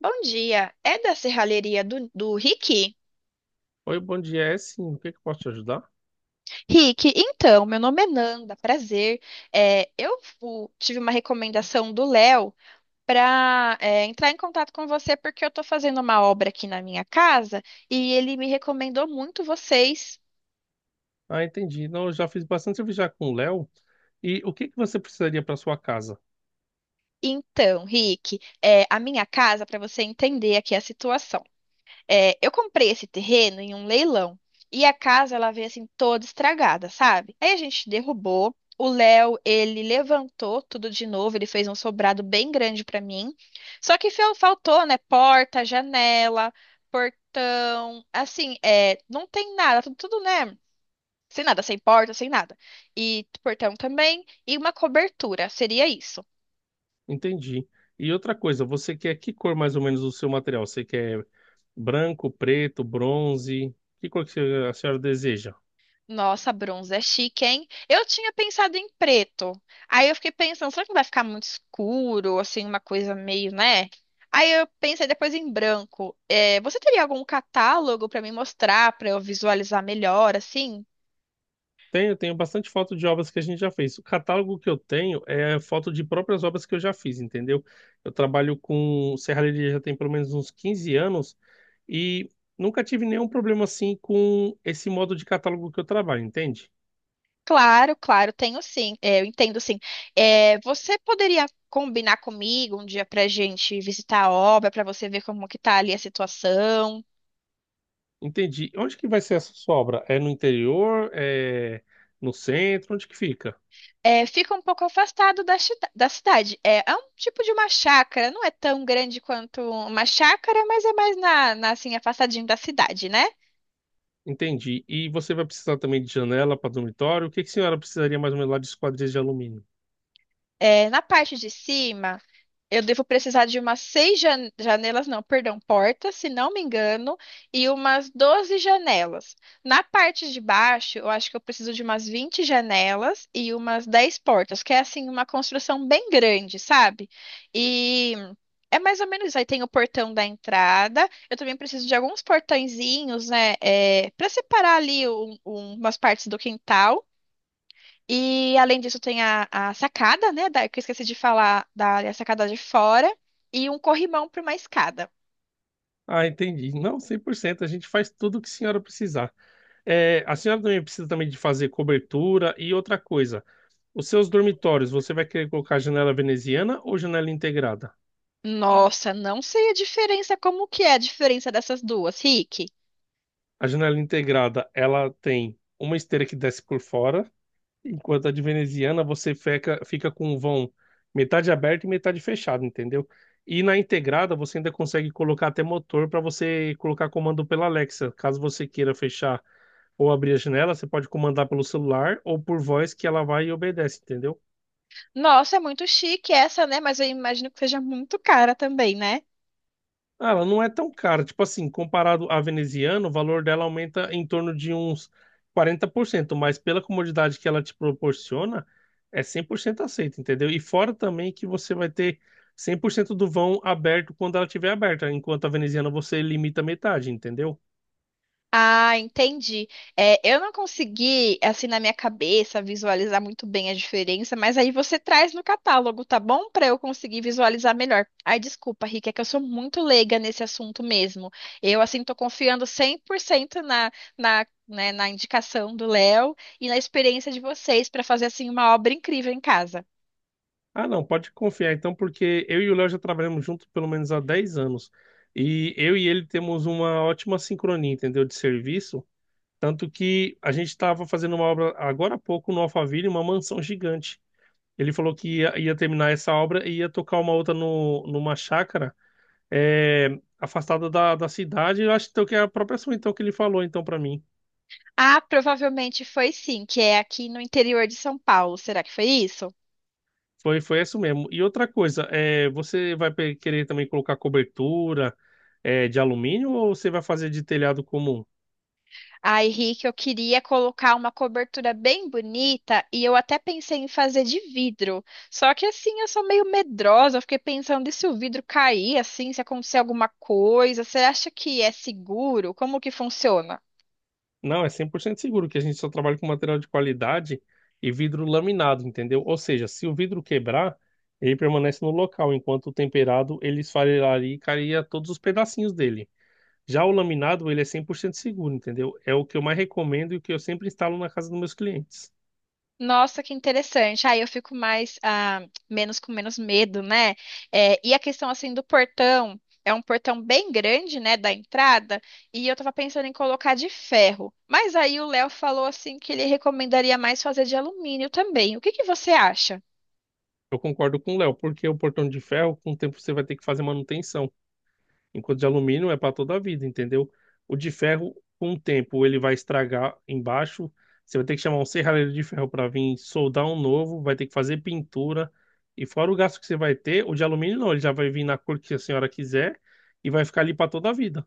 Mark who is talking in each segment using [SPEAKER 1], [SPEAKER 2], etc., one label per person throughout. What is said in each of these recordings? [SPEAKER 1] Bom dia, é da serralheria do Rick?
[SPEAKER 2] Oi, bom dia, é sim. O que que eu posso te ajudar?
[SPEAKER 1] Rick, então, meu nome é Nanda, prazer. É, eu tive uma recomendação do Léo para entrar em contato com você porque eu tô fazendo uma obra aqui na minha casa e ele me recomendou muito vocês.
[SPEAKER 2] Ah, entendi. Não, eu já fiz bastante serviço já com o Léo. E o que que você precisaria para sua casa?
[SPEAKER 1] Então, Rick, é, a minha casa, para você entender aqui a situação. É, eu comprei esse terreno em um leilão e a casa ela veio assim toda estragada, sabe? Aí a gente derrubou. O Léo, ele levantou tudo de novo, ele fez um sobrado bem grande pra mim. Só que faltou, né? Porta, janela, portão, assim, é, não tem nada, tudo, tudo, né? Sem nada, sem porta, sem nada. E portão também, e uma cobertura, seria isso.
[SPEAKER 2] Entendi. E outra coisa, você quer que cor mais ou menos o seu material? Você quer branco, preto, bronze? Que cor que a senhora deseja?
[SPEAKER 1] Nossa, bronze é chique, hein? Eu tinha pensado em preto. Aí eu fiquei pensando, será que não vai ficar muito escuro, assim, uma coisa meio, né? Aí eu pensei depois em branco. É, você teria algum catálogo pra me mostrar, pra eu visualizar melhor, assim?
[SPEAKER 2] Tenho bastante foto de obras que a gente já fez. O catálogo que eu tenho é foto de próprias obras que eu já fiz, entendeu? Eu trabalho com serralheria já tem pelo menos uns 15 anos e nunca tive nenhum problema assim com esse modo de catálogo que eu trabalho, entende?
[SPEAKER 1] Claro, claro, tenho sim. É, eu entendo sim. É, você poderia combinar comigo um dia pra gente visitar a obra, pra você ver como que tá ali a situação?
[SPEAKER 2] Entendi. Onde que vai ser essa sua obra? É no interior? É no centro? Onde que fica?
[SPEAKER 1] É, fica um pouco afastado da, da cidade. É, é um tipo de uma chácara, não é tão grande quanto uma chácara, mas é mais na, assim, afastadinho da cidade, né?
[SPEAKER 2] Entendi. E você vai precisar também de janela para dormitório? O que que a senhora precisaria mais ou menos lá de esquadrias de alumínio?
[SPEAKER 1] É, na parte de cima, eu devo precisar de umas seis janelas, não, perdão, portas, se não me engano, e umas 12 janelas. Na parte de baixo, eu acho que eu preciso de umas 20 janelas e umas 10 portas, que é assim uma construção bem grande, sabe? E é mais ou menos isso. Aí tem o portão da entrada. Eu também preciso de alguns portõezinhos, né, é, para separar ali umas partes do quintal. E além disso tem a sacada, né? Que eu esqueci de falar da área sacada de fora e um corrimão para uma escada.
[SPEAKER 2] Ah, entendi. Não, 100%. A gente faz tudo o que a senhora precisar. É, a senhora também precisa também de fazer cobertura e outra coisa. Os seus dormitórios, você vai querer colocar janela veneziana ou janela integrada?
[SPEAKER 1] Nossa, não sei a diferença, como que é a diferença dessas duas, Rick?
[SPEAKER 2] A janela integrada, ela tem uma esteira que desce por fora, enquanto a de veneziana você fica com o vão metade aberto e metade fechado, entendeu? E na integrada você ainda consegue colocar até motor para você colocar comando pela Alexa. Caso você queira fechar ou abrir a janela, você pode comandar pelo celular ou por voz que ela vai e obedece, entendeu?
[SPEAKER 1] Nossa, é muito chique essa, né? Mas eu imagino que seja muito cara também, né?
[SPEAKER 2] Ah, ela não é tão cara. Tipo assim, comparado à veneziana, o valor dela aumenta em torno de uns 40%, mas pela comodidade que ela te proporciona, é 100% aceito, entendeu? E fora também que você vai ter 100% do vão aberto quando ela estiver aberta, enquanto a veneziana você limita metade, entendeu?
[SPEAKER 1] Ah, entendi. É, eu não consegui, assim, na minha cabeça, visualizar muito bem a diferença, mas aí você traz no catálogo, tá bom? Para eu conseguir visualizar melhor. Ai, desculpa, Rick, é que eu sou muito leiga nesse assunto mesmo. Eu, assim, tô confiando 100% na, né, na indicação do Léo e na experiência de vocês para fazer, assim, uma obra incrível em casa.
[SPEAKER 2] Ah, não, pode confiar então, porque eu e o Léo já trabalhamos juntos pelo menos há 10 anos. E eu e ele temos uma ótima sincronia, entendeu? De serviço. Tanto que a gente estava fazendo uma obra agora há pouco no Alphaville, uma mansão gigante. Ele falou que ia terminar essa obra e ia tocar uma outra no, numa chácara, é, afastada da cidade. Eu acho então, que é a própria ação então, que ele falou então para mim.
[SPEAKER 1] Ah, provavelmente foi sim, que é aqui no interior de São Paulo. Será que foi isso?
[SPEAKER 2] Foi isso mesmo. E outra coisa, é, você vai querer também colocar cobertura, é, de alumínio ou você vai fazer de telhado comum?
[SPEAKER 1] Ai, Rick, eu queria colocar uma cobertura bem bonita e eu até pensei em fazer de vidro. Só que assim, eu sou meio medrosa, eu fiquei pensando e se o vidro cair assim, se acontecer alguma coisa, você acha que é seguro? Como que funciona?
[SPEAKER 2] Não, é 100% seguro que a gente só trabalha com material de qualidade e vidro laminado, entendeu? Ou seja, se o vidro quebrar, ele permanece no local, enquanto o temperado ele esfarelaria e cairia todos os pedacinhos dele. Já o laminado, ele é 100% seguro, entendeu? É o que eu mais recomendo e o que eu sempre instalo na casa dos meus clientes.
[SPEAKER 1] Nossa, que interessante. Aí eu fico mais, ah, menos com menos medo, né? É, e a questão assim do portão, é um portão bem grande, né, da entrada, e eu tava pensando em colocar de ferro. Mas aí o Léo falou assim que ele recomendaria mais fazer de alumínio também. O que que você acha?
[SPEAKER 2] Eu concordo com o Léo, porque o portão de ferro, com o tempo você vai ter que fazer manutenção. Enquanto de alumínio é para toda a vida, entendeu? O de ferro, com o tempo, ele vai estragar embaixo. Você vai ter que chamar um serralheiro de ferro para vir soldar um novo, vai ter que fazer pintura. E fora o gasto que você vai ter, o de alumínio não, ele já vai vir na cor que a senhora quiser e vai ficar ali para toda a vida.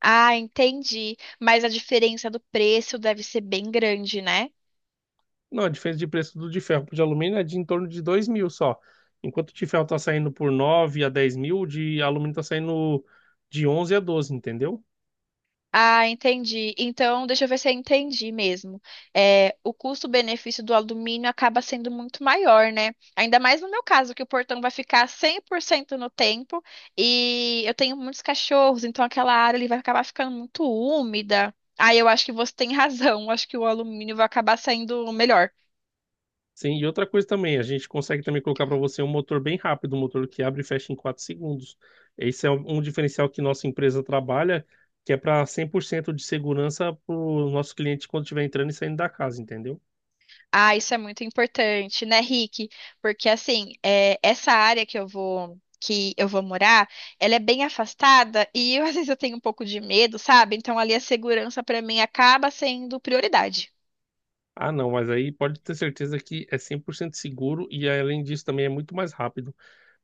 [SPEAKER 1] Ah, entendi. Mas a diferença do preço deve ser bem grande, né?
[SPEAKER 2] Não, a diferença de preço do de ferro pro de alumínio é de em torno de 2 mil só. Enquanto o de ferro está saindo por 9 a 10 mil, o de alumínio está saindo de 11 a 12, entendeu?
[SPEAKER 1] Ah, entendi. Então, deixa eu ver se eu entendi mesmo. É, o custo-benefício do alumínio acaba sendo muito maior, né? Ainda mais no meu caso, que o portão vai ficar 100% no tempo e eu tenho muitos cachorros, então aquela área ali vai acabar ficando muito úmida. Ah, eu acho que você tem razão. Acho que o alumínio vai acabar saindo melhor.
[SPEAKER 2] Sim, e outra coisa também, a gente consegue também colocar para você um motor bem rápido, um motor que abre e fecha em 4 segundos. Esse é um diferencial que nossa empresa trabalha, que é para 100% de segurança para o nosso cliente quando estiver entrando e saindo da casa, entendeu?
[SPEAKER 1] Ah, isso é muito importante, né, Rick? Porque assim, é, essa área que eu vou morar, ela é bem afastada e eu, às vezes eu tenho um pouco de medo, sabe? Então ali a segurança para mim acaba sendo prioridade.
[SPEAKER 2] Ah, não, mas aí pode ter certeza que é 100% seguro e além disso também é muito mais rápido.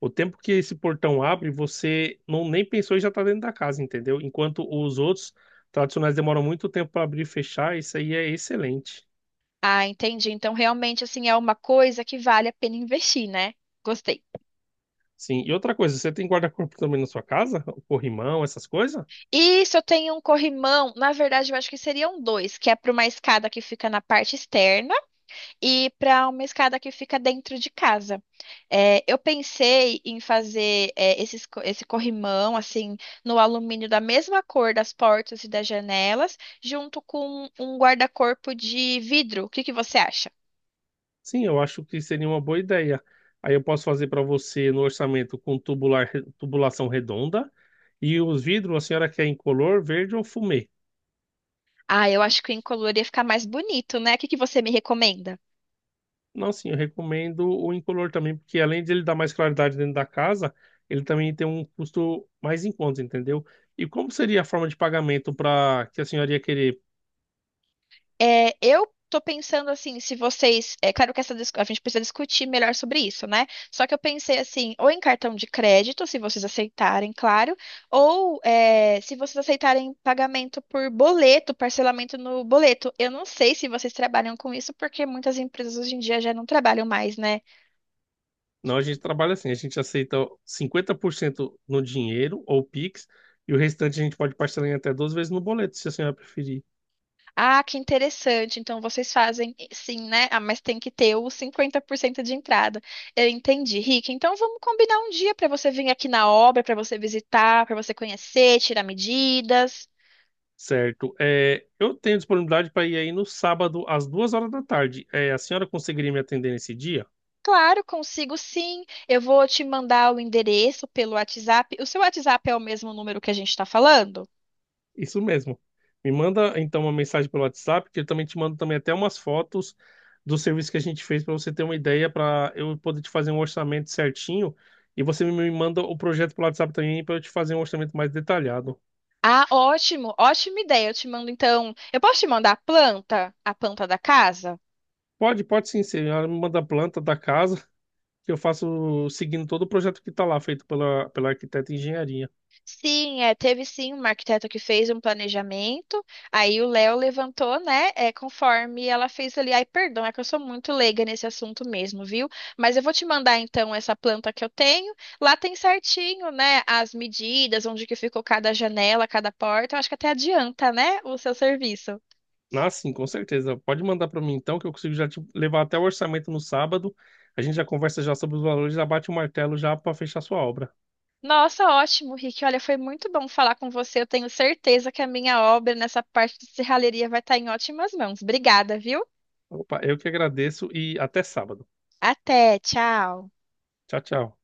[SPEAKER 2] O tempo que esse portão abre, você não nem pensou e já está dentro da casa, entendeu? Enquanto os outros tradicionais demoram muito tempo para abrir e fechar, isso aí é excelente.
[SPEAKER 1] Ah, entendi. Então realmente assim é uma coisa que vale a pena investir, né? Gostei.
[SPEAKER 2] Sim. E outra coisa, você tem guarda-corpo também na sua casa? O corrimão, essas coisas?
[SPEAKER 1] E se eu tenho um corrimão, na verdade eu acho que seriam dois, que é para uma escada que fica na parte externa e para uma escada que fica dentro de casa. É, eu pensei em fazer é, esse corrimão, assim, no alumínio da mesma cor das portas e das janelas, junto com um guarda-corpo de vidro. O que que você acha?
[SPEAKER 2] Sim, eu acho que seria uma boa ideia. Aí eu posso fazer para você no orçamento com tubular, tubulação redonda e os vidros, a senhora quer incolor, verde ou fumê?
[SPEAKER 1] Ah, eu acho que o incolor ia ficar mais bonito, né? O que que você me recomenda?
[SPEAKER 2] Não, sim, eu recomendo o incolor também, porque além de ele dar mais claridade dentro da casa, ele também tem um custo mais em conta, entendeu? E como seria a forma de pagamento para que a senhora ia querer?
[SPEAKER 1] É, eu tô pensando assim, se vocês. É claro que essa, a gente precisa discutir melhor sobre isso, né? Só que eu pensei assim, ou em cartão de crédito, se vocês aceitarem, claro, ou é, se vocês aceitarem pagamento por boleto, parcelamento no boleto. Eu não sei se vocês trabalham com isso, porque muitas empresas hoje em dia já não trabalham mais, né?
[SPEAKER 2] Não, a gente trabalha assim, a gente aceita 50% no dinheiro ou Pix, e o restante a gente pode parcelar em até 12 vezes no boleto, se a senhora preferir.
[SPEAKER 1] Ah, que interessante. Então vocês fazem sim, né? Ah, mas tem que ter os 50% de entrada. Eu entendi, Rick. Então vamos combinar um dia para você vir aqui na obra, para você visitar, para você conhecer, tirar medidas.
[SPEAKER 2] Certo. É, eu tenho disponibilidade para ir aí no sábado, às 2 horas da tarde. É, a senhora conseguiria me atender nesse dia?
[SPEAKER 1] Claro, consigo sim. Eu vou te mandar o endereço pelo WhatsApp. O seu WhatsApp é o mesmo número que a gente está falando?
[SPEAKER 2] Isso mesmo. Me manda então uma mensagem pelo WhatsApp, que eu também te mando também até umas fotos do serviço que a gente fez para você ter uma ideia, para eu poder te fazer um orçamento certinho. E você me manda o projeto pelo WhatsApp também para eu te fazer um orçamento mais detalhado.
[SPEAKER 1] Ah, ótimo, ótima ideia. Eu te mando então. Eu posso te mandar a planta da casa?
[SPEAKER 2] Pode, pode sim, sim. Ela me manda a planta da casa, que eu faço seguindo todo o projeto que está lá, feito pela arquiteta e engenharia.
[SPEAKER 1] Sim, é, teve sim uma arquiteta que fez um planejamento, aí o Léo levantou, né, é, conforme ela fez ali. Ai, perdão, é que eu sou muito leiga nesse assunto mesmo, viu? Mas eu vou te mandar então essa planta que eu tenho. Lá tem certinho, né, as medidas, onde que ficou cada janela, cada porta. Eu acho que até adianta, né, o seu serviço.
[SPEAKER 2] Ah, sim, com certeza. Pode mandar para mim então, que eu consigo já te levar até o orçamento no sábado. A gente já conversa já sobre os valores, já bate o martelo já para fechar sua obra.
[SPEAKER 1] Nossa, ótimo, Rick. Olha, foi muito bom falar com você. Eu tenho certeza que a minha obra nessa parte de serralheria vai estar em ótimas mãos. Obrigada, viu?
[SPEAKER 2] Opa, eu que agradeço e até sábado.
[SPEAKER 1] Até, tchau.
[SPEAKER 2] Tchau, tchau.